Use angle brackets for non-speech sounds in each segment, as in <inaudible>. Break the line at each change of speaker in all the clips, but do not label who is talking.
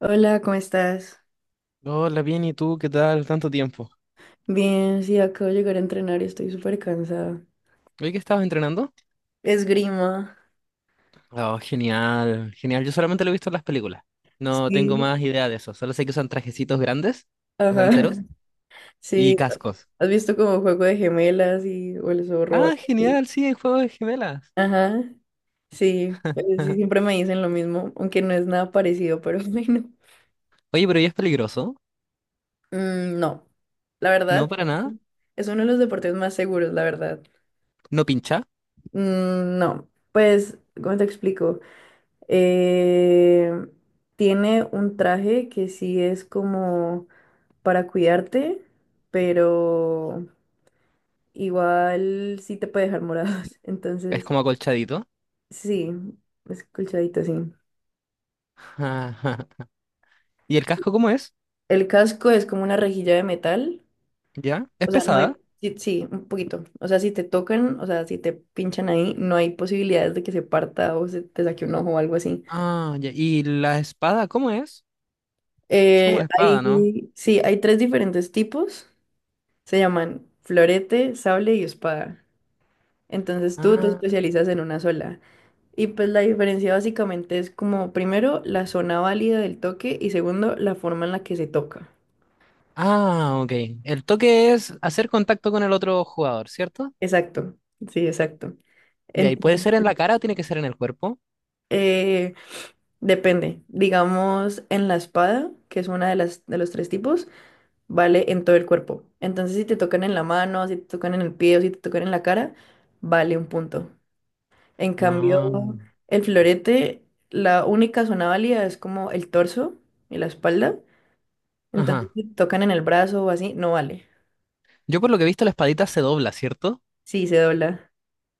Hola, ¿cómo estás?
Hola, bien, ¿y tú? ¿Qué tal? Tanto tiempo.
Bien, sí, acabo de llegar a entrenar y estoy súper cansada.
¿Hoy que estabas entrenando?
Esgrima.
Oh, genial, genial. Yo solamente lo he visto en las películas. No tengo
Sí.
más idea de eso. Solo sé que usan trajecitos grandes, o sea,
Ajá. <clears throat>
enteros,
<laughs>
y
Sí,
cascos.
¿has visto como juego de gemelas y o el zorro? ¿O
Ah,
algo así?
genial, sí, en Juego de Gemelas.
Ajá. Sí, sí, siempre
<laughs>
me dicen lo mismo, aunque no es nada parecido, pero <laughs> bueno.
Oye, pero ¿y es peligroso?
Mm, no, la verdad,
No, para nada.
es uno de los deportes más seguros, la verdad.
No pincha.
Mm, no, pues, ¿cómo te explico? Eh, Tiene un traje que sí es como para cuidarte, pero igual sí te puede dejar morados. <laughs>
Es
Entonces,
como acolchadito.
sí, es colchadito, sí.
<laughs> Ajá. ¿Y el casco cómo es?
El casco es como una rejilla de metal.
¿Ya? ¿Es
O sea, no hay.
pesada?
Sí, sí, un poquito. O sea, si te tocan, o sea, si te pinchan ahí, no hay posibilidades de que se parta o se te saque un ojo o algo así.
Ah, ya. ¿Y la espada cómo es? Es como
Eh,
una espada, ¿no?
hay, sí, hay tres diferentes tipos. Se llaman florete, sable y espada. Entonces te
Ah.
especializas en una sola. Y pues la diferencia básicamente es como primero la zona válida del toque y segundo la forma en la que se toca.
Ah, ok. El toque es hacer contacto con el otro jugador, ¿cierto?
Exacto, sí, exacto.
De ahí puede ser en
Entonces,
la cara o tiene que ser en el cuerpo.
eh, depende. Digamos, en la espada, que es una de las de los tres tipos, vale en todo el cuerpo. Entonces, si te tocan en la mano, si te tocan en el pie o si te tocan en la cara, vale un punto. En cambio,
Ah,
el florete, la única zona válida es como el torso y la espalda. Entonces,
ajá.
si tocan en el brazo o así, no vale.
Yo por lo que he visto la espadita se dobla, ¿cierto?
Sí, se dobla.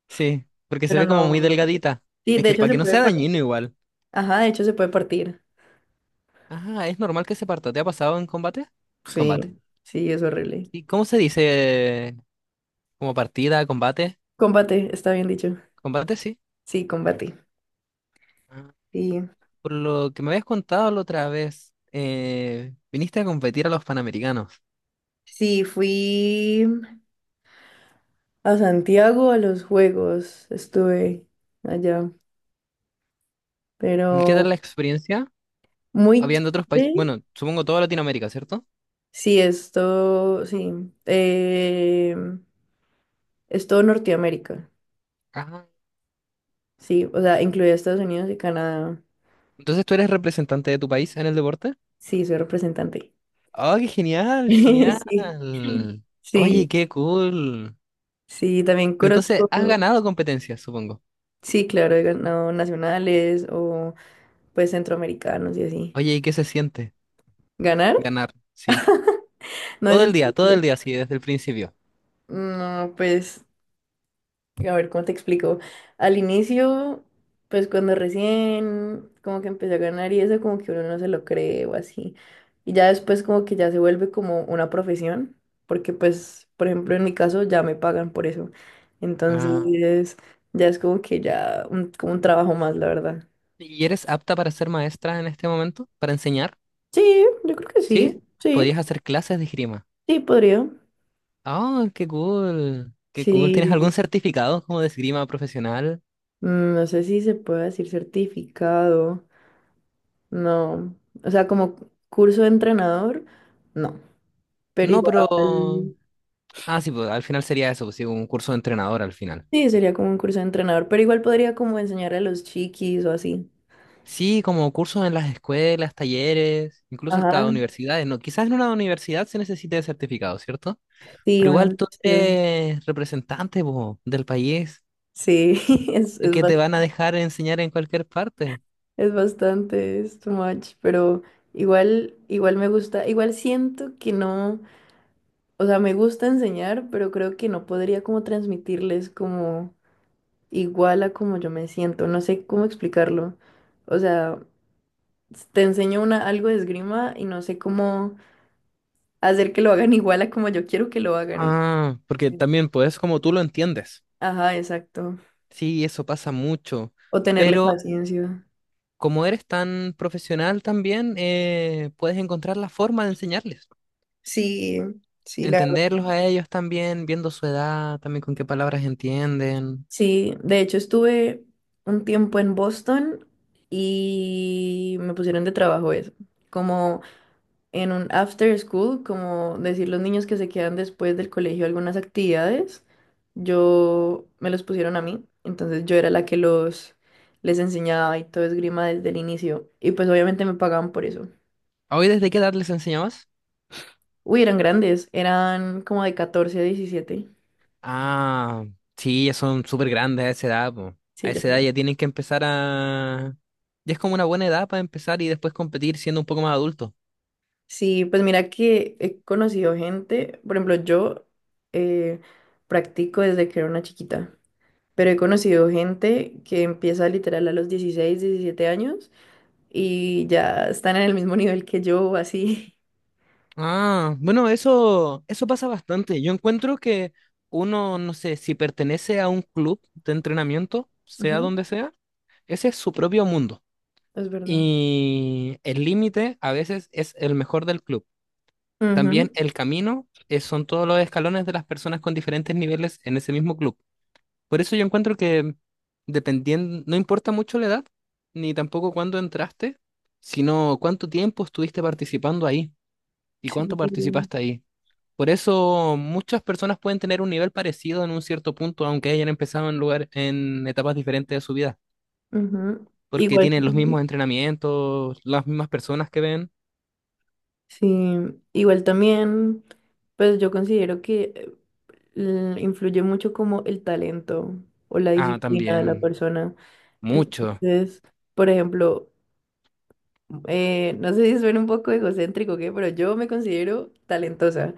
Sí, porque se
Pero
ve como muy
no.
delgadita.
Sí,
Es
de
que
hecho
para
se
que no
puede
sea dañino
partir.
igual.
Ajá, de hecho se puede partir.
Ah, es normal que se parta. ¿Te ha pasado en combate?
Sí,
Combate.
sí, es horrible.
¿Y cómo se dice? ¿Como partida, combate?
Combate, está bien dicho.
Combate, sí.
Sí, combate.
Ah,
Sí.
por lo que me habías contado la otra vez, viniste a competir a los Panamericanos.
Sí, fui a Santiago a los juegos. Estuve allá.
¿Y qué tal
Pero
la experiencia?
muy
Habían de otros países,
chévere.
bueno, supongo toda Latinoamérica, ¿cierto?
Sí, esto, sí. Es todo Norteamérica.
Ajá.
Sí, o sea, incluye Estados Unidos y Canadá.
Entonces tú eres representante de tu país en el deporte.
Sí, soy representante.
¡Oh, qué genial, genial!
<laughs> Sí, sí,
Oye, qué cool.
sí, también
Pero entonces
conozco.
has ganado competencias, supongo.
Sí, claro, he ganado nacionales o pues centroamericanos y así.
Oye, ¿y qué se siente
¿Ganar?
ganar? Sí.
No, es
Todo
increíble.
el día, sí, desde el principio.
No, pues, a ver, ¿cómo te explico? Al inicio, pues cuando recién como que empecé a ganar y eso como que uno no se lo cree o así. Y ya después como que ya se vuelve como una profesión, porque pues, por ejemplo, en mi caso ya me pagan por eso.
Ah.
Entonces, ya es como que ya como un trabajo más, la verdad.
¿Y eres apta para ser maestra en este momento? ¿Para enseñar?
Sí, yo creo que
¿Sí?
sí, sí,
Podrías hacer clases de esgrima.
sí, podría.
¡Oh, qué cool! ¡Qué cool! ¿Tienes
Sí,
algún certificado como de esgrima profesional?
no sé si se puede decir certificado, no. O sea, como curso de entrenador, no. Pero
No,
igual,
pero. Ah, sí, pues al final sería eso, pues, sí, un curso de entrenador al final.
sí, sería como un curso de entrenador, pero igual podría como enseñar a los chiquis o así.
Sí, como cursos en las escuelas, talleres, incluso
Ajá,
hasta universidades. No, quizás en una universidad se necesite de certificado, ¿cierto?
sí,
Pero
una
igual tú
opción.
eres representante, po, del país,
Sí, <laughs> es, es
que te van a
bastante,
dejar enseñar en cualquier parte.
es bastante, es too much, pero igual me gusta, igual siento que no, o sea, me gusta enseñar, pero creo que no podría como transmitirles como igual a como yo me siento, no sé cómo explicarlo. O sea, te enseño algo de esgrima y no sé cómo hacer que lo hagan igual a como yo quiero que lo hagan.
Ah, porque
Entonces,
también, pues, es como tú lo entiendes.
ajá, exacto.
Sí, eso pasa mucho.
O tenerle
Pero
paciencia.
como eres tan profesional también, puedes encontrar la forma de enseñarles.
Sí, sí, la verdad.
Entenderlos a ellos también, viendo su edad, también con qué palabras entienden.
Sí, de hecho estuve un tiempo en Boston y me pusieron de trabajo eso, como en un after school, como decir los niños que se quedan después del colegio algunas actividades, yo me los pusieron a mí, entonces yo era la que los les enseñaba y todo esgrima desde el inicio y pues obviamente me pagaban por eso.
¿A ¿Hoy desde qué edad les enseñabas?
Uy, eran grandes, eran como de 14 a 17.
Ah, sí, ya son súper grandes a esa edad, po. A
Sí, ya
esa edad
saben.
ya tienen que empezar a. Ya es como una buena edad para empezar y después competir siendo un poco más adulto.
Sí, pues mira que he conocido gente, por ejemplo, yo eh, practico desde que era una chiquita, pero he conocido gente que empieza literal a los 16 17 años y ya están en el mismo nivel que yo, así.
Ah, bueno, eso pasa bastante. Yo encuentro que uno, no sé, si pertenece a un club de entrenamiento,
<laughs>
sea
Ujú,
donde sea, ese es su propio mundo.
es verdad.
Y el límite a veces es el mejor del club. También
Ujú,
el camino son todos los escalones de las personas con diferentes niveles en ese mismo club. Por eso yo encuentro que dependiendo, no importa mucho la edad, ni tampoco cuándo entraste, sino cuánto tiempo estuviste participando ahí y
sí,
cuánto participaste ahí. Por eso muchas personas pueden tener un nivel parecido en un cierto punto, aunque hayan empezado en lugar, en etapas diferentes de su vida,
ujú.
porque
Igual.
tienen los mismos entrenamientos, las mismas personas que ven.
Sí, igual también, pues yo considero que influye mucho como el talento o la
Ah,
disciplina de la
también,
persona.
mucho.
Entonces, por ejemplo, no sé si suena un poco egocéntrico, ¿qué? Pero yo me considero talentosa,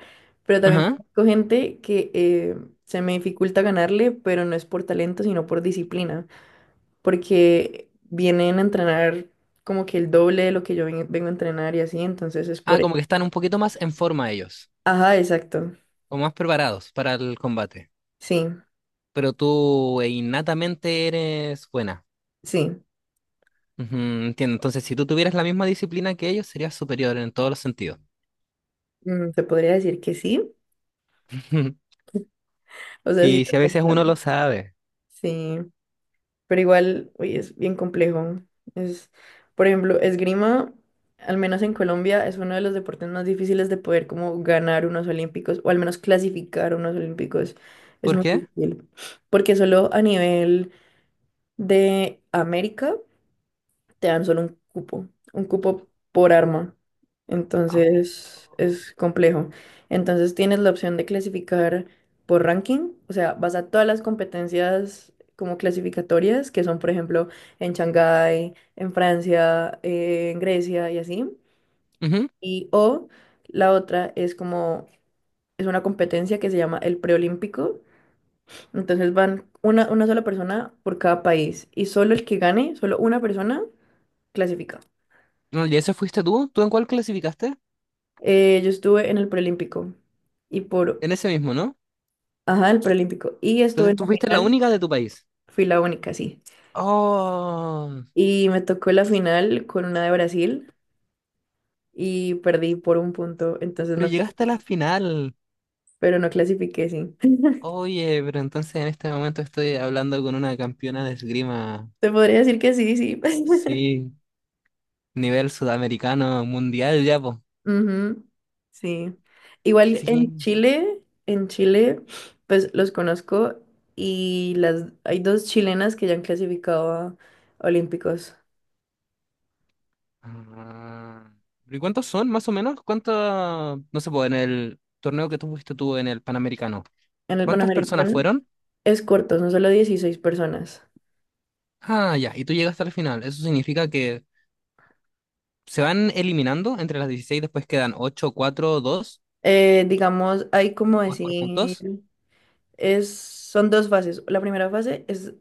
pero también
Ajá.
conozco gente que se me dificulta ganarle, pero no es por talento, sino por disciplina, porque vienen a entrenar como que el doble de lo que yo vengo a entrenar y así, entonces es por...
Ah,
eso.
como que están un poquito más en forma ellos,
Ajá, exacto.
o más preparados para el combate.
Sí,
Pero tú innatamente eres buena.
sí,
Ujú, entiendo. Entonces, si tú tuvieras la misma disciplina que ellos, serías superior en todos los sentidos.
se podría decir que sí.
<laughs>
O sea, sí,
Y
te
si a
puedo
veces uno
ponerlo.
lo sabe.
Sí, pero igual, uy, es bien complejo. Es, por ejemplo, esgrima, al menos en Colombia, es uno de los deportes más difíciles de poder como ganar unos olímpicos o al menos clasificar unos olímpicos. Es
¿Por
muy
qué?
difícil, porque solo a nivel de América. Te dan solo un cupo por arma.
Oh.
Entonces es complejo. Entonces tienes la opción de clasificar por ranking, o sea, vas a todas las competencias como clasificatorias, que son, por ejemplo, en Shanghái, en Francia, en Grecia y así.
Ujú.
Y o la otra es como, es una competencia que se llama el preolímpico. Entonces van una sola persona por cada país y solo el que gane, solo una persona clasifica.
No, ¿y eso fuiste tú? ¿Tú en cuál clasificaste?
Yo estuve en el preolímpico y por,
En ese mismo, ¿no?
ajá, el preolímpico. Y estuve
Entonces
en
tú
la
fuiste la
final,
única de tu país.
fui la única, sí.
Oh,
Y me tocó la final con una de Brasil y perdí por un punto, entonces
pero
no, clas-
llegaste a la final.
pero no clasifiqué, sí. <laughs>
Oye, pero entonces en este momento estoy hablando con una campeona de esgrima.
Te podría decir que sí, sí. <laughs>
Sí, nivel sudamericano, mundial ya, pues.
Ujú, sí. Igual en
Sí.
Chile, en Chile, pues los conozco y hay dos chilenas que ya han clasificado a Olímpicos.
Ah. ¿Y cuántos son, más o menos? ¿Cuántos, no sé, po, en el torneo que tú fuiste tú en el Panamericano?
En el
¿Cuántas personas
Panamericano.
fueron?
Es corto, son solo 16 personas.
Ah, ya, y tú llegaste al final. Eso significa que se van eliminando entre las 16, después quedan 8, 4, 2,
Digamos, hay como
o es por
decir,
puntos.
es, son dos fases. La primera fase es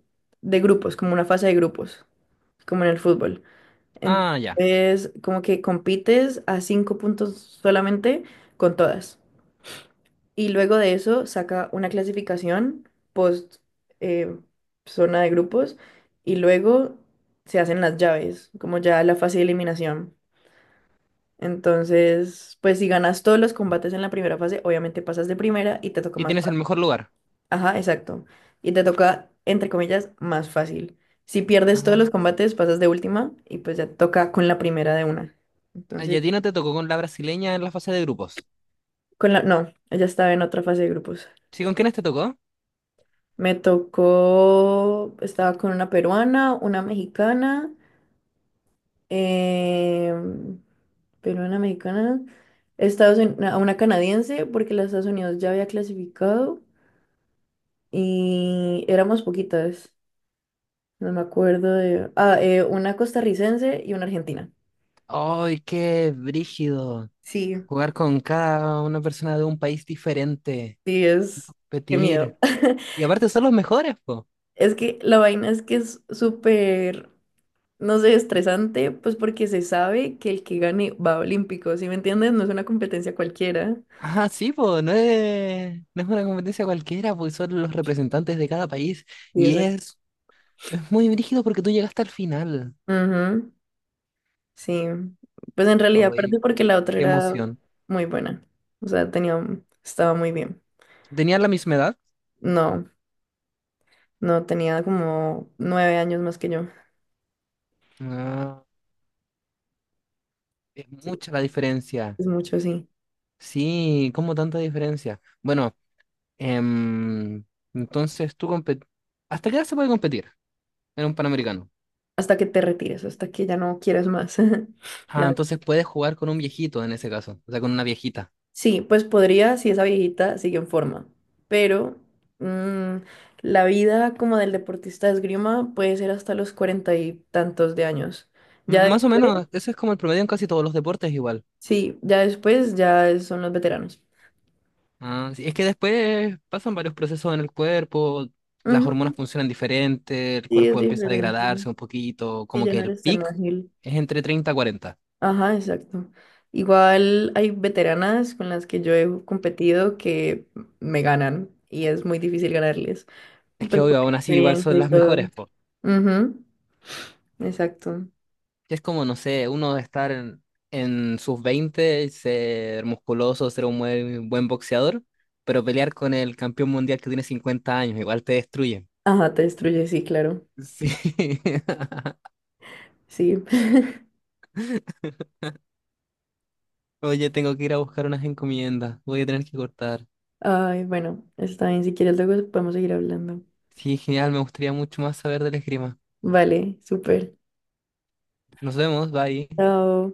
de grupos, como una fase de grupos, como en el fútbol.
Ah, ya.
Entonces, como que compites a cinco puntos solamente con todas. Y luego de eso saca una clasificación post eh, zona de grupos y luego se hacen las llaves, como ya la fase de eliminación. Entonces, pues si ganas todos los combates en la primera fase, obviamente pasas de primera y te toca
Y
más
tienes el
fácil.
mejor lugar.
Ajá, exacto. Y te toca, entre comillas, más fácil. Si pierdes todos
Ah.
los combates, pasas de última y pues ya te toca con la primera de una.
Ah, y
Entonces,
a ti no te tocó con la brasileña en la fase de grupos.
con la... No, ya estaba en otra fase de grupos.
¿Sí, con quiénes te tocó?
Me tocó, estaba con una peruana, una mexicana, em, peruana, mexicana, Estados Unidos, una canadiense, porque los Estados Unidos ya había clasificado. Y éramos poquitas, no me acuerdo de... Ah, una costarricense y una argentina.
¡Ay, qué brígido!
Sí,
Jugar con cada una persona de un país diferente
sí,
y
es... Qué
competir.
miedo.
Y
<laughs>
aparte son los mejores, po.
Es que la vaina es que es súper, no sé, estresante, pues porque se sabe que el que gane va a Olímpicos, ¿sí me entiendes? No es una competencia cualquiera.
Ah, sí, pues, no es una competencia cualquiera, pues, son los representantes de cada país.
Sí,
Y
exacto.
es muy brígido porque tú llegaste al final.
Ujú, sí, pues en realidad perdí
Ay,
porque la otra
qué
era
emoción.
muy buena, o sea, estaba muy bien.
¿Tenían la misma edad?
No, no, tenía como 9 años más que yo.
Ah, es mucha la diferencia.
Es mucho, sí.
Sí, ¿cómo tanta diferencia? Bueno, em, entonces tú competir. ¿Hasta qué edad se puede competir en un Panamericano?
Hasta que te retires, hasta que ya no quieras más. <laughs>
Ah,
La-
entonces puedes jugar con un viejito en ese caso, o sea, con una viejita.
Sí, pues podría si esa viejita sigue en forma, pero mm, la vida como del deportista de esgrima puede ser hasta los 40 y tantos de años. Ya
Más o
después,
menos, eso es como el promedio en casi todos los deportes igual.
sí, ya después ya son los veteranos.
Ah, sí, es que después pasan varios procesos en el cuerpo, las hormonas
Ujú,
funcionan diferente, el
sí, es
cuerpo empieza a
diferente.
degradarse un poquito,
Sí,
como
ya
que
no
el
eres tan
pic
ágil.
es entre 30 y 40.
Ajá, exacto. Igual hay veteranas con las que yo he competido que me ganan y es muy difícil ganarles.
Es que
Pues por
obvio,
la
aún así igual
experiencia
son
y
las mejores,
todo.
po.
Ujú, exacto.
Es como, no sé, uno de estar en, sus 20 y ser musculoso, ser un muy buen boxeador, pero pelear con el campeón mundial que tiene 50 años, igual te destruye.
Ajá, te destruye, sí, claro.
Sí. <laughs>
Sí. <laughs>
Oye, tengo que ir a buscar unas encomiendas. Voy a tener que cortar.
Ay, bueno, está bien. Si quieres, luego podemos seguir hablando.
Sí, genial, me gustaría mucho más saber del esgrima.
Vale, súper.
Nos vemos, bye.
Chao.